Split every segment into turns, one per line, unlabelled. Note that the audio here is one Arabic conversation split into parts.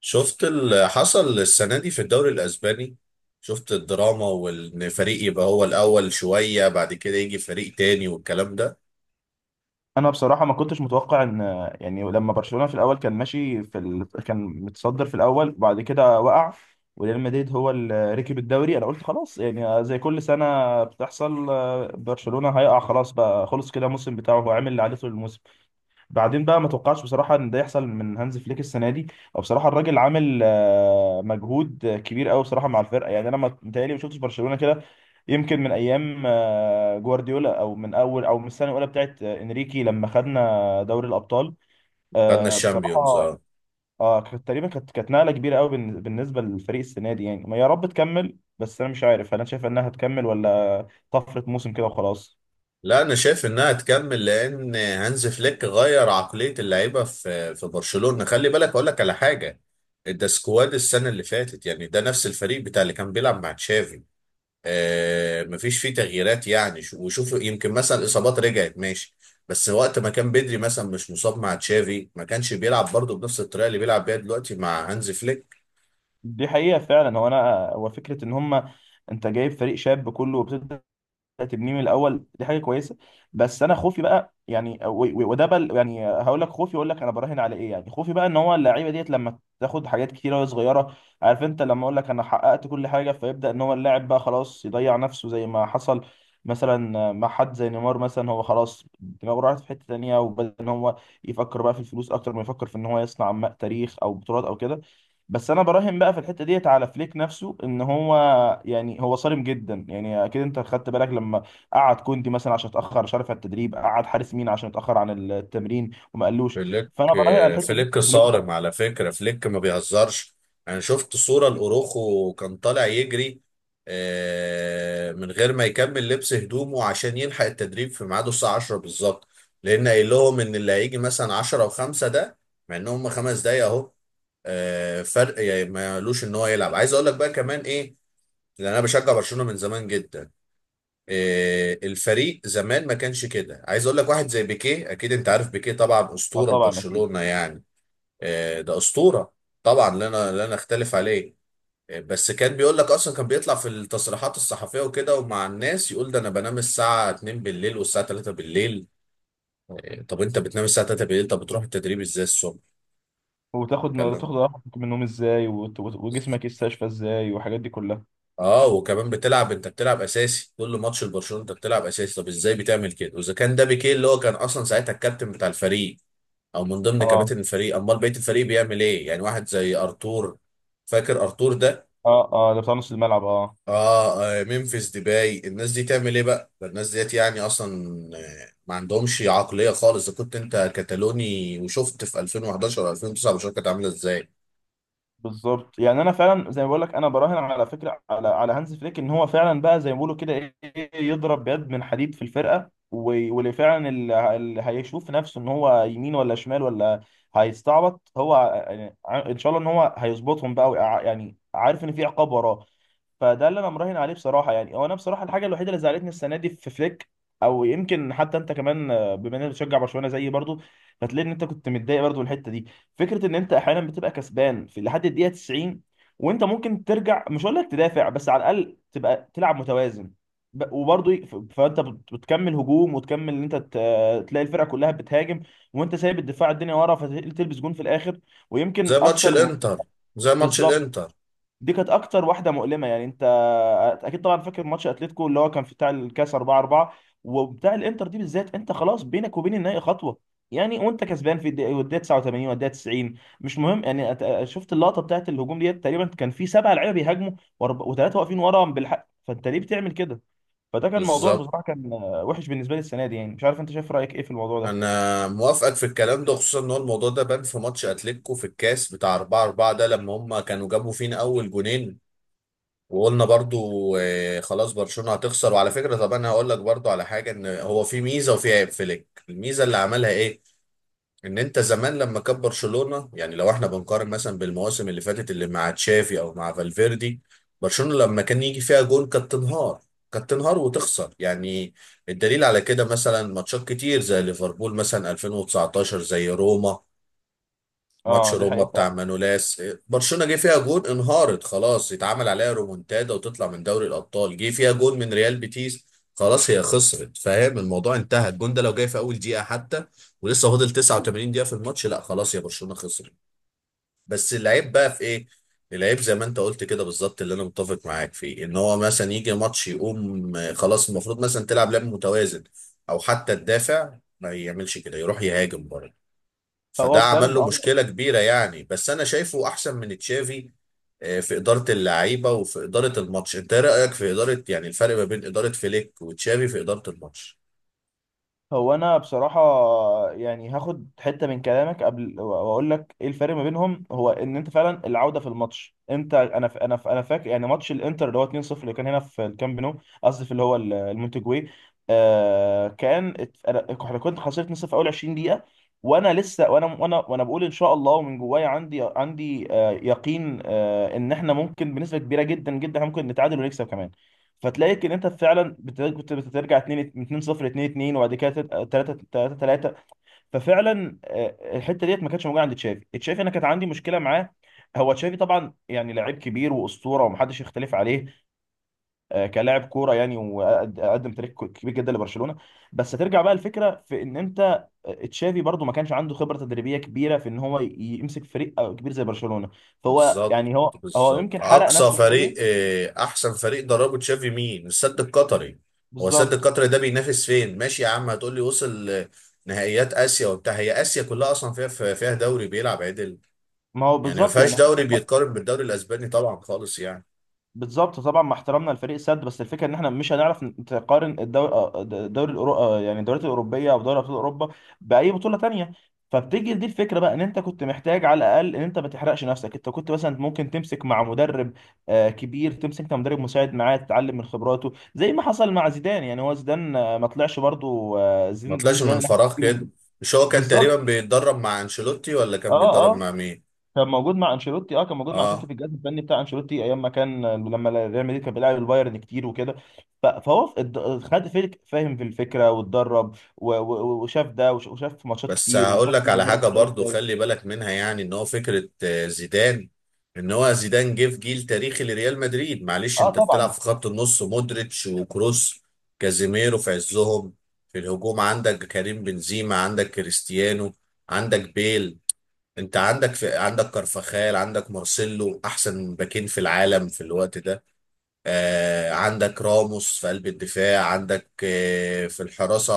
شفت اللي حصل السنة دي في الدوري الأسباني. شفت الدراما وإن فريق يبقى هو الأول شوية بعد كده يجي فريق تاني والكلام ده.
انا بصراحه ما كنتش متوقع ان يعني لما برشلونه في الاول كان ماشي كان متصدر في الاول، بعد كده وقع. وريال مدريد هو اللي ركب الدوري. انا قلت خلاص يعني زي كل سنه بتحصل، برشلونه هيقع خلاص، بقى خلص كده الموسم بتاعه، هو عامل اللي عليه طول الموسم. بعدين بقى ما توقعش بصراحه ان ده يحصل من هانز فليك السنه دي. او بصراحه الراجل عامل مجهود كبير قوي بصراحه مع الفرقه. يعني انا ما متهيألي ما شفتش برشلونه كده يمكن من ايام جوارديولا، او من اول، او من السنه الاولى بتاعت انريكي لما خدنا دوري الابطال،
خدنا الشامبيونز.
بصراحه.
اه.
اه، كانت تقريبا كانت نقله كبيره قوي بالنسبه للفريق السنه دي. يعني ما، يا رب تكمل، بس انا مش عارف هل انا شايف انها هتكمل ولا طفره موسم كده وخلاص.
لا، أنا شايف إنها تكمل لأن هانز فليك غير عقلية اللعيبة في برشلونة. خلي بالك أقول لك على حاجة. ده سكواد السنة اللي فاتت، يعني ده نفس الفريق بتاع اللي كان بيلعب مع تشافي. مفيش فيه تغييرات يعني وشوف يمكن مثلا الاصابات رجعت ماشي. بس وقت ما كان بدري مثلا مش مصاب مع تشافي ما كانش بيلعب برضه بنفس الطريقه اللي بيلعب بيها دلوقتي مع هانز فليك.
دي حقيقه فعلا. هو انا هو فكره ان هم، انت جايب فريق شاب كله وبتبدا تبنيه من الاول، دي حاجه كويسه. بس انا خوفي بقى، يعني وده بل، يعني هقول لك خوفي، اقول لك انا براهن على ايه، يعني خوفي بقى ان هو اللعيبه ديت لما تاخد حاجات كتيره وهي صغيره. عارف انت، لما اقول لك انا حققت كل حاجه، فيبدا ان هو اللاعب بقى خلاص يضيع نفسه زي ما حصل مثلا مع حد زي نيمار مثلا. هو خلاص دماغه راحت في حته تانيه، وبدا ان هو يفكر بقى في الفلوس اكتر ما يفكر في ان هو يصنع تاريخ او بطولات او كده. بس انا براهن بقى في الحته ديت على فليك نفسه، ان هو، يعني هو صارم جدا. يعني اكيد انت خدت بالك لما قعد كوندي مثلا عشان اتاخر، مش عارف، على التدريب، قعد حارس مين عشان اتاخر عن التمرين وما قالوش.
فليك
فانا براهن على الحته دي
فليك
فليك
صارم
بقى.
على فكرة. فليك ما بيهزرش. انا شفت صورة لأوروخو كان طالع يجري من غير ما يكمل لبس هدومه عشان يلحق التدريب في ميعاده الساعة 10 بالظبط، لأن قايل لهم إن اللي هيجي مثلا 10 و5، ده مع إن هم خمس دقايق أهو. فرق يعني مالوش إن هو يلعب. عايز أقول لك بقى كمان إيه؟ لأن أنا بشجع برشلونة من زمان جدا. الفريق زمان ما كانش كده. عايز اقول لك واحد زي بيكيه، اكيد انت عارف بيكيه طبعا،
اه،
اسطوره
طبعا اكيد.
لبرشلونه يعني. ده اسطوره. طبعا لا، انا لا نختلف عليه. بس كان بيقول لك اصلا، كان بيطلع في التصريحات الصحفيه وكده ومع الناس يقول ده انا بنام الساعه 2 بالليل والساعه 3 بالليل. طب انت بتنام الساعه 3 بالليل، طب بتروح التدريب ازاي الصبح؟
وتاخد
كلام.
وتاخد راحتك من النوم ازاي، وجسمك يستشفى ازاي، والحاجات دي كلها.
اه، وكمان بتلعب، انت بتلعب اساسي كل ماتش لبرشلونه، انت بتلعب اساسي، طب ازاي بتعمل كده؟ واذا كان ده بيكيه اللي هو كان اصلا ساعتها الكابتن بتاع الفريق او من ضمن
اه،
كباتن الفريق، امال بقيه الفريق بيعمل ايه؟ يعني واحد زي ارتور، فاكر ارتور ده؟
اه، اه، ده بتاع نص الملعب، اه.
اه, ممفيس ديباي، الناس دي تعمل ايه بقى؟ ده الناس ديت يعني اصلا ما عندهمش عقليه خالص. اذا كنت انت كتالوني وشفت في 2011 و 2009، المشاركه كانت عامله ازاي.
بالظبط، يعني انا فعلا زي ما بقول لك انا براهن على فكره، على هانز فليك، ان هو فعلا بقى زي ما بيقولوا كده، ايه إيه، يضرب بيد من حديد في الفرقه. واللي فعلا اللي هيشوف نفسه ان هو يمين ولا شمال، ولا هيستعبط، هو يعني ان شاء الله ان هو هيظبطهم بقى، يعني عارف ان في عقاب وراه. فده اللي انا مراهن عليه بصراحه. يعني هو انا بصراحه الحاجه الوحيده اللي زعلتني السنه دي في فليك، او يمكن حتى انت كمان، بما انك بتشجع برشلونه زيي برضو، فتلاقي ان انت كنت متضايق برضو من الحته دي. فكره ان انت احيانا بتبقى كسبان في لحد الدقيقه 90، وانت ممكن ترجع، مش هقول لك تدافع، بس على الاقل تبقى تلعب متوازن. وبرضو فانت بتكمل هجوم، وتكمل ان انت تلاقي الفرقه كلها بتهاجم، وانت سايب الدفاع، الدنيا ورا، فتلبس جون في الاخر.
زي
ويمكن
ماتش
اكتر
الانتر، زي ماتش
بالظبط.
الانتر.
دي كانت اكتر واحده مؤلمه، يعني انت اكيد طبعا فاكر ماتش اتلتيكو اللي هو كان في بتاع الكاس 4-4، وبتاع الانتر دي بالذات، انت خلاص بينك وبين النهائي خطوه. يعني وانت كسبان في الدقيقه، والدقيقة 89، والدقيقه 90، مش مهم. يعني شفت اللقطه بتاعت الهجوم ديت، تقريبا كان في سبع لعيبه بيهاجموا، وثلاثه واقفين ورا بالحق، فانت ليه بتعمل كده؟ فده كان موضوع
بالظبط.
بصراحه كان وحش بالنسبه لي السنه دي. يعني مش عارف انت شايف رايك ايه في الموضوع ده؟
انا موافقك في الكلام ده، خصوصا ان هو الموضوع ده بان في ماتش اتلتيكو في الكاس بتاع 4-4 ده لما هم كانوا جابوا فينا اول جونين، وقلنا برضو خلاص برشلونة هتخسر. وعلى فكرة، طب انا هقول لك برضو على حاجة، ان هو في ميزة وفي عيب فليك. الميزة اللي عملها ايه؟ ان انت زمان لما كان برشلونة، يعني لو احنا بنقارن مثلا بالمواسم اللي فاتت اللي مع تشافي او مع فالفيردي، برشلونة لما كان يجي فيها جون كانت تنهار. كانت تنهار وتخسر يعني. الدليل على كده مثلا ماتشات كتير زي ليفربول مثلا 2019، زي روما، ماتش
اه، دي
روما
حقيقه
بتاع
فعلا.
مانولاس. برشلونة جه فيها جون انهارت خلاص، يتعمل عليها رومونتادا وتطلع من دوري الأبطال. جه فيها جون من ريال بيتيس، خلاص هي خسرت. فاهم الموضوع؟ انتهى. الجون ده لو جاي في أول دقيقة حتى ولسه فاضل 89 دقيقة في الماتش، لا، خلاص يا برشلونة خسرت. بس العيب بقى في ايه؟ العيب زي ما انت قلت كده بالظبط، اللي انا متفق معاك فيه، ان هو مثلا يجي ماتش يقوم خلاص، المفروض مثلا تلعب لعب متوازن، او حتى تدافع. ما يعملش كده، يروح يهاجم برضه.
فهو
فده عمل
فعلا،
له
اه.
مشكلة كبيرة يعني. بس أنا شايفه أحسن من تشافي في إدارة اللعيبة وفي إدارة الماتش. أنت إيه رأيك في إدارة، يعني الفرق ما بين إدارة فليك وتشافي في إدارة الماتش؟
هو انا بصراحه، يعني هاخد حته من كلامك قبل واقول لك ايه الفرق ما بينهم. هو ان انت فعلا العوده في الماتش، انت، انا فاكر يعني ماتش الانتر اللي هو 2-0، اللي كان هنا في الكامب نو، قصدي في اللي هو المونتجوي. آه كان ات- انا احنا كنت خسرت 2-0 في اول 20 دقيقه، وانا لسه وانا بقول ان شاء الله، ومن جوايا عندي يقين، ان احنا ممكن بنسبه كبيره جدا جدا، احنا ممكن نتعادل ونكسب كمان. فتلاقيك ان انت فعلا بترجع 2 2 0 2 2، وبعد كده 3 3 3. ففعلا الحته ديت ما كانتش موجوده عند تشافي. تشافي انا كانت عندي مشكله معاه. هو تشافي طبعا يعني لعيب كبير واسطوره ومحدش يختلف عليه كلاعب كوره، يعني، وقدم تاريخ كبير جدا لبرشلونه. بس ترجع بقى الفكره في ان انت، تشافي برضو ما كانش عنده خبره تدريبيه كبيره في ان هو يمسك فريق كبير زي برشلونه، فهو
بالظبط
يعني هو
بالظبط.
يمكن حرق
أقصى
نفسه شويه.
فريق، أحسن فريق دربه تشافي مين؟ السد القطري. هو السد
بالظبط.
القطري ده بينافس فين؟ ماشي يا عم، هتقول لي وصل نهائيات آسيا وبتاع. هي آسيا كلها أصلا فيها دوري بيلعب عدل؟
ما هو
يعني ما
بالظبط،
فيهاش
يعني.
دوري بيتقارن بالدوري الأسباني طبعا خالص يعني.
بالظبط طبعا، مع احترامنا لفريق السد، بس الفكره ان احنا مش هنعرف نقارن الدوري الأورو... آه، يعني الدوريات الاوروبيه، او دوري ابطال اوروبا، باي بطوله تانية. فبتيجي دي الفكره بقى، ان انت كنت محتاج على الاقل ان انت ما تحرقش نفسك. انت كنت مثلا ممكن تمسك مع مدرب كبير، تمسك انت مدرب مساعد معاه تتعلم من خبراته زي ما حصل مع زيدان. يعني هو زيدان، ما طلعش برضه
ما طلعش
زيدان
من
اللي احنا
فراغ كده.
عارفينه.
مش هو كان تقريبا
بالظبط.
بيتدرب مع انشيلوتي ولا كان
اه.
بيتدرب
آه.
مع مين؟
كان موجود مع انشيلوتي. اه. كان موجود مع انشيلوتي
اه.
في الجهاز الفني بتاع انشيلوتي ايام ما كان، لما ريال مدريد كان بيلعب البايرن كتير وكده. فهو خد فيك، فاهم، في الفكره، واتدرب، وشاف ده، وشاف ماتشات
بس
كتير،
هقول
وشاف
لك على
المدرب
حاجه
بيشتغل
برضو،
ازاي.
خلي بالك منها. يعني ان هو فكره زيدان، ان هو زيدان جه في جيل تاريخي لريال مدريد. معلش،
اه،
انت بتلعب
طبعا.
في خط النص مودريتش وكروس، كازيميرو في عزهم. في الهجوم عندك كريم بنزيما، عندك كريستيانو، عندك بيل. انت عندك كارفاخال، عندك مارسيلو احسن باكين في العالم في الوقت ده. عندك راموس في قلب الدفاع، عندك في الحراسة.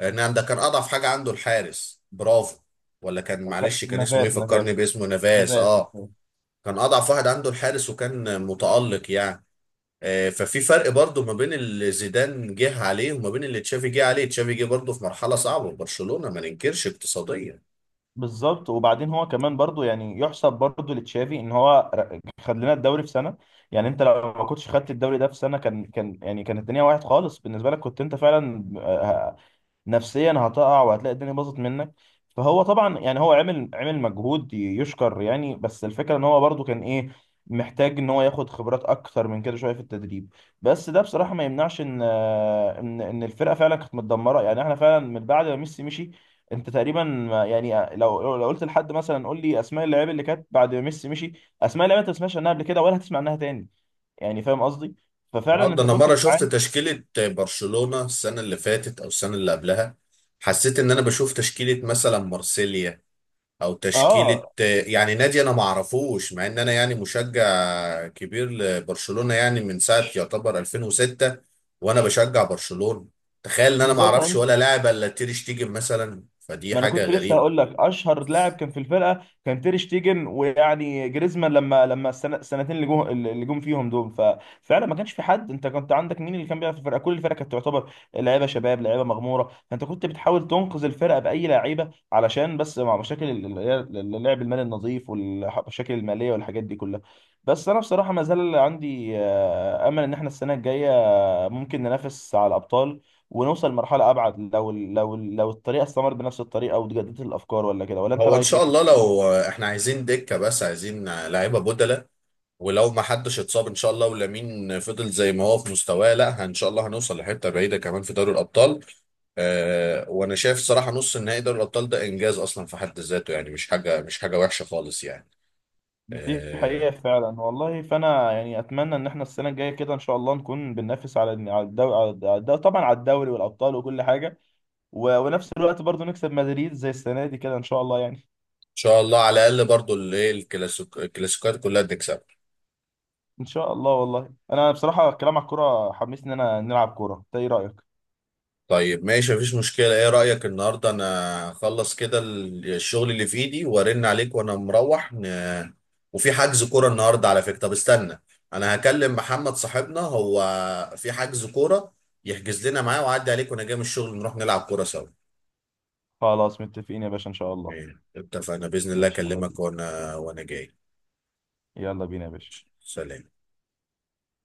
ان عندك كان اضعف حاجة عنده الحارس برافو. ولا كان، معلش كان اسمه
نافاس،
ايه، فكرني
نافاس،
باسمه. نافاس.
نافاس.
اه، كان اضعف واحد عنده الحارس وكان متألق يعني. ففي فرق برضو ما بين اللي زيدان جه عليه وما بين اللي تشافي جه عليه. تشافي جه برضو في مرحلة صعبة في برشلونة، ما ننكرش، اقتصاديا.
بالظبط. وبعدين هو كمان برضو، يعني، يحسب برضو لتشافي ان هو خد لنا الدوري في سنه. يعني انت لو ما كنتش خدت الدوري ده في سنه، كان يعني كانت الدنيا واحد خالص بالنسبه لك، كنت انت فعلا نفسيا هتقع، وهتلاقي الدنيا باظت منك. فهو طبعا، يعني، هو عمل مجهود يشكر يعني. بس الفكره ان هو برضو كان ايه، محتاج ان هو ياخد خبرات اكتر من كده شويه في التدريب. بس ده بصراحه ما يمنعش ان، ان الفرقه فعلا كانت متدمره. يعني احنا فعلا من بعد ما ميسي مشي، انت تقريبا يعني لو قلت لحد مثلا قول لي اسماء اللعيبه اللي كانت بعد ما ميسي مشي، اسماء اللعيبه انت ما سمعتش عنها قبل كده، ولا هتسمع عنها تاني، يعني فاهم قصدي؟ ففعلا
اه، ده
انت
انا
كنت
مره شفت
بتعاني.
تشكيله برشلونه السنه اللي فاتت او السنه اللي قبلها، حسيت ان انا بشوف تشكيله مثلا مارسيليا، او
اه،
تشكيله يعني نادي انا ما اعرفوش، مع ان انا يعني مشجع كبير لبرشلونه، يعني من ساعه يعتبر 2006 وانا بشجع برشلونه. تخيل ان انا ما
بالظبط.
اعرفش
يعني
ولا لاعب الا تير شتيجن مثلا. فدي
ما انا
حاجه
كنت لسه
غريبه.
هقول لك اشهر لاعب كان في الفرقه كان تير شتيجن، ويعني جريزمان لما السنتين اللي جم فيهم دول، ففعلا ما كانش في حد. انت كنت عندك مين اللي كان بيلعب في الفرقه؟ كل الفرقه كانت تعتبر لعيبه شباب، لعيبه مغموره، فانت كنت بتحاول تنقذ الفرقه باي لعيبه علشان بس، مع مشاكل اللعب المالي النظيف والمشاكل الماليه والحاجات دي كلها. بس انا بصراحه ما زال عندي امل ان احنا السنه الجايه ممكن ننافس على الابطال، ونوصل لمرحله ابعد، لو لو الطريقه استمرت بنفس الطريقه، وتجددت الافكار ولا كده، ولا انت
هو ان
رايك
شاء
ايه؟
الله لو احنا عايزين دكه، بس عايزين لعيبه بدلاء. ولو ما حدش اتصاب ان شاء الله، ولامين فضل زي ما هو في مستواه، لا ان شاء الله هنوصل لحته بعيده كمان في دوري الابطال. وانا شايف صراحه نص النهائي دوري الابطال ده انجاز اصلا في حد ذاته، يعني مش حاجه، مش حاجه وحشه خالص يعني.
دي
آه
حقيقه فعلا والله. فانا يعني اتمنى ان احنا السنه الجايه كده ان شاء الله نكون بننافس على الدوري، على الدوري طبعا، على الدوري والابطال وكل حاجه. ونفس الوقت برضو نكسب مدريد زي السنه دي كده، ان شاء الله، يعني.
ان شاء الله على الاقل برضو الايه، الكلاسيك، الكلاسيكات كلها بنكسبها.
ان شاء الله والله. انا بصراحه الكلام على الكوره حمسني ان انا نلعب كوره. انت ايه رايك؟
طيب ماشي، مفيش مشكلة. ايه رأيك النهاردة انا اخلص كده الشغل اللي في ايدي وارن عليك وانا مروح وفي حجز كورة النهاردة على فكرة. طب استنى، انا هكلم محمد صاحبنا. هو في حجز كورة، يحجز لنا معاه، وعدي عليك وانا جاي من الشغل نروح نلعب كورة سوا.
خلاص متفقين يا باشا، ان شاء الله.
تمام اتفقنا بإذن الله،
ماشي، يلا
اكلمك
بينا.
وانا جاي.
يلا بينا يا باشا.
ماشي. سلام.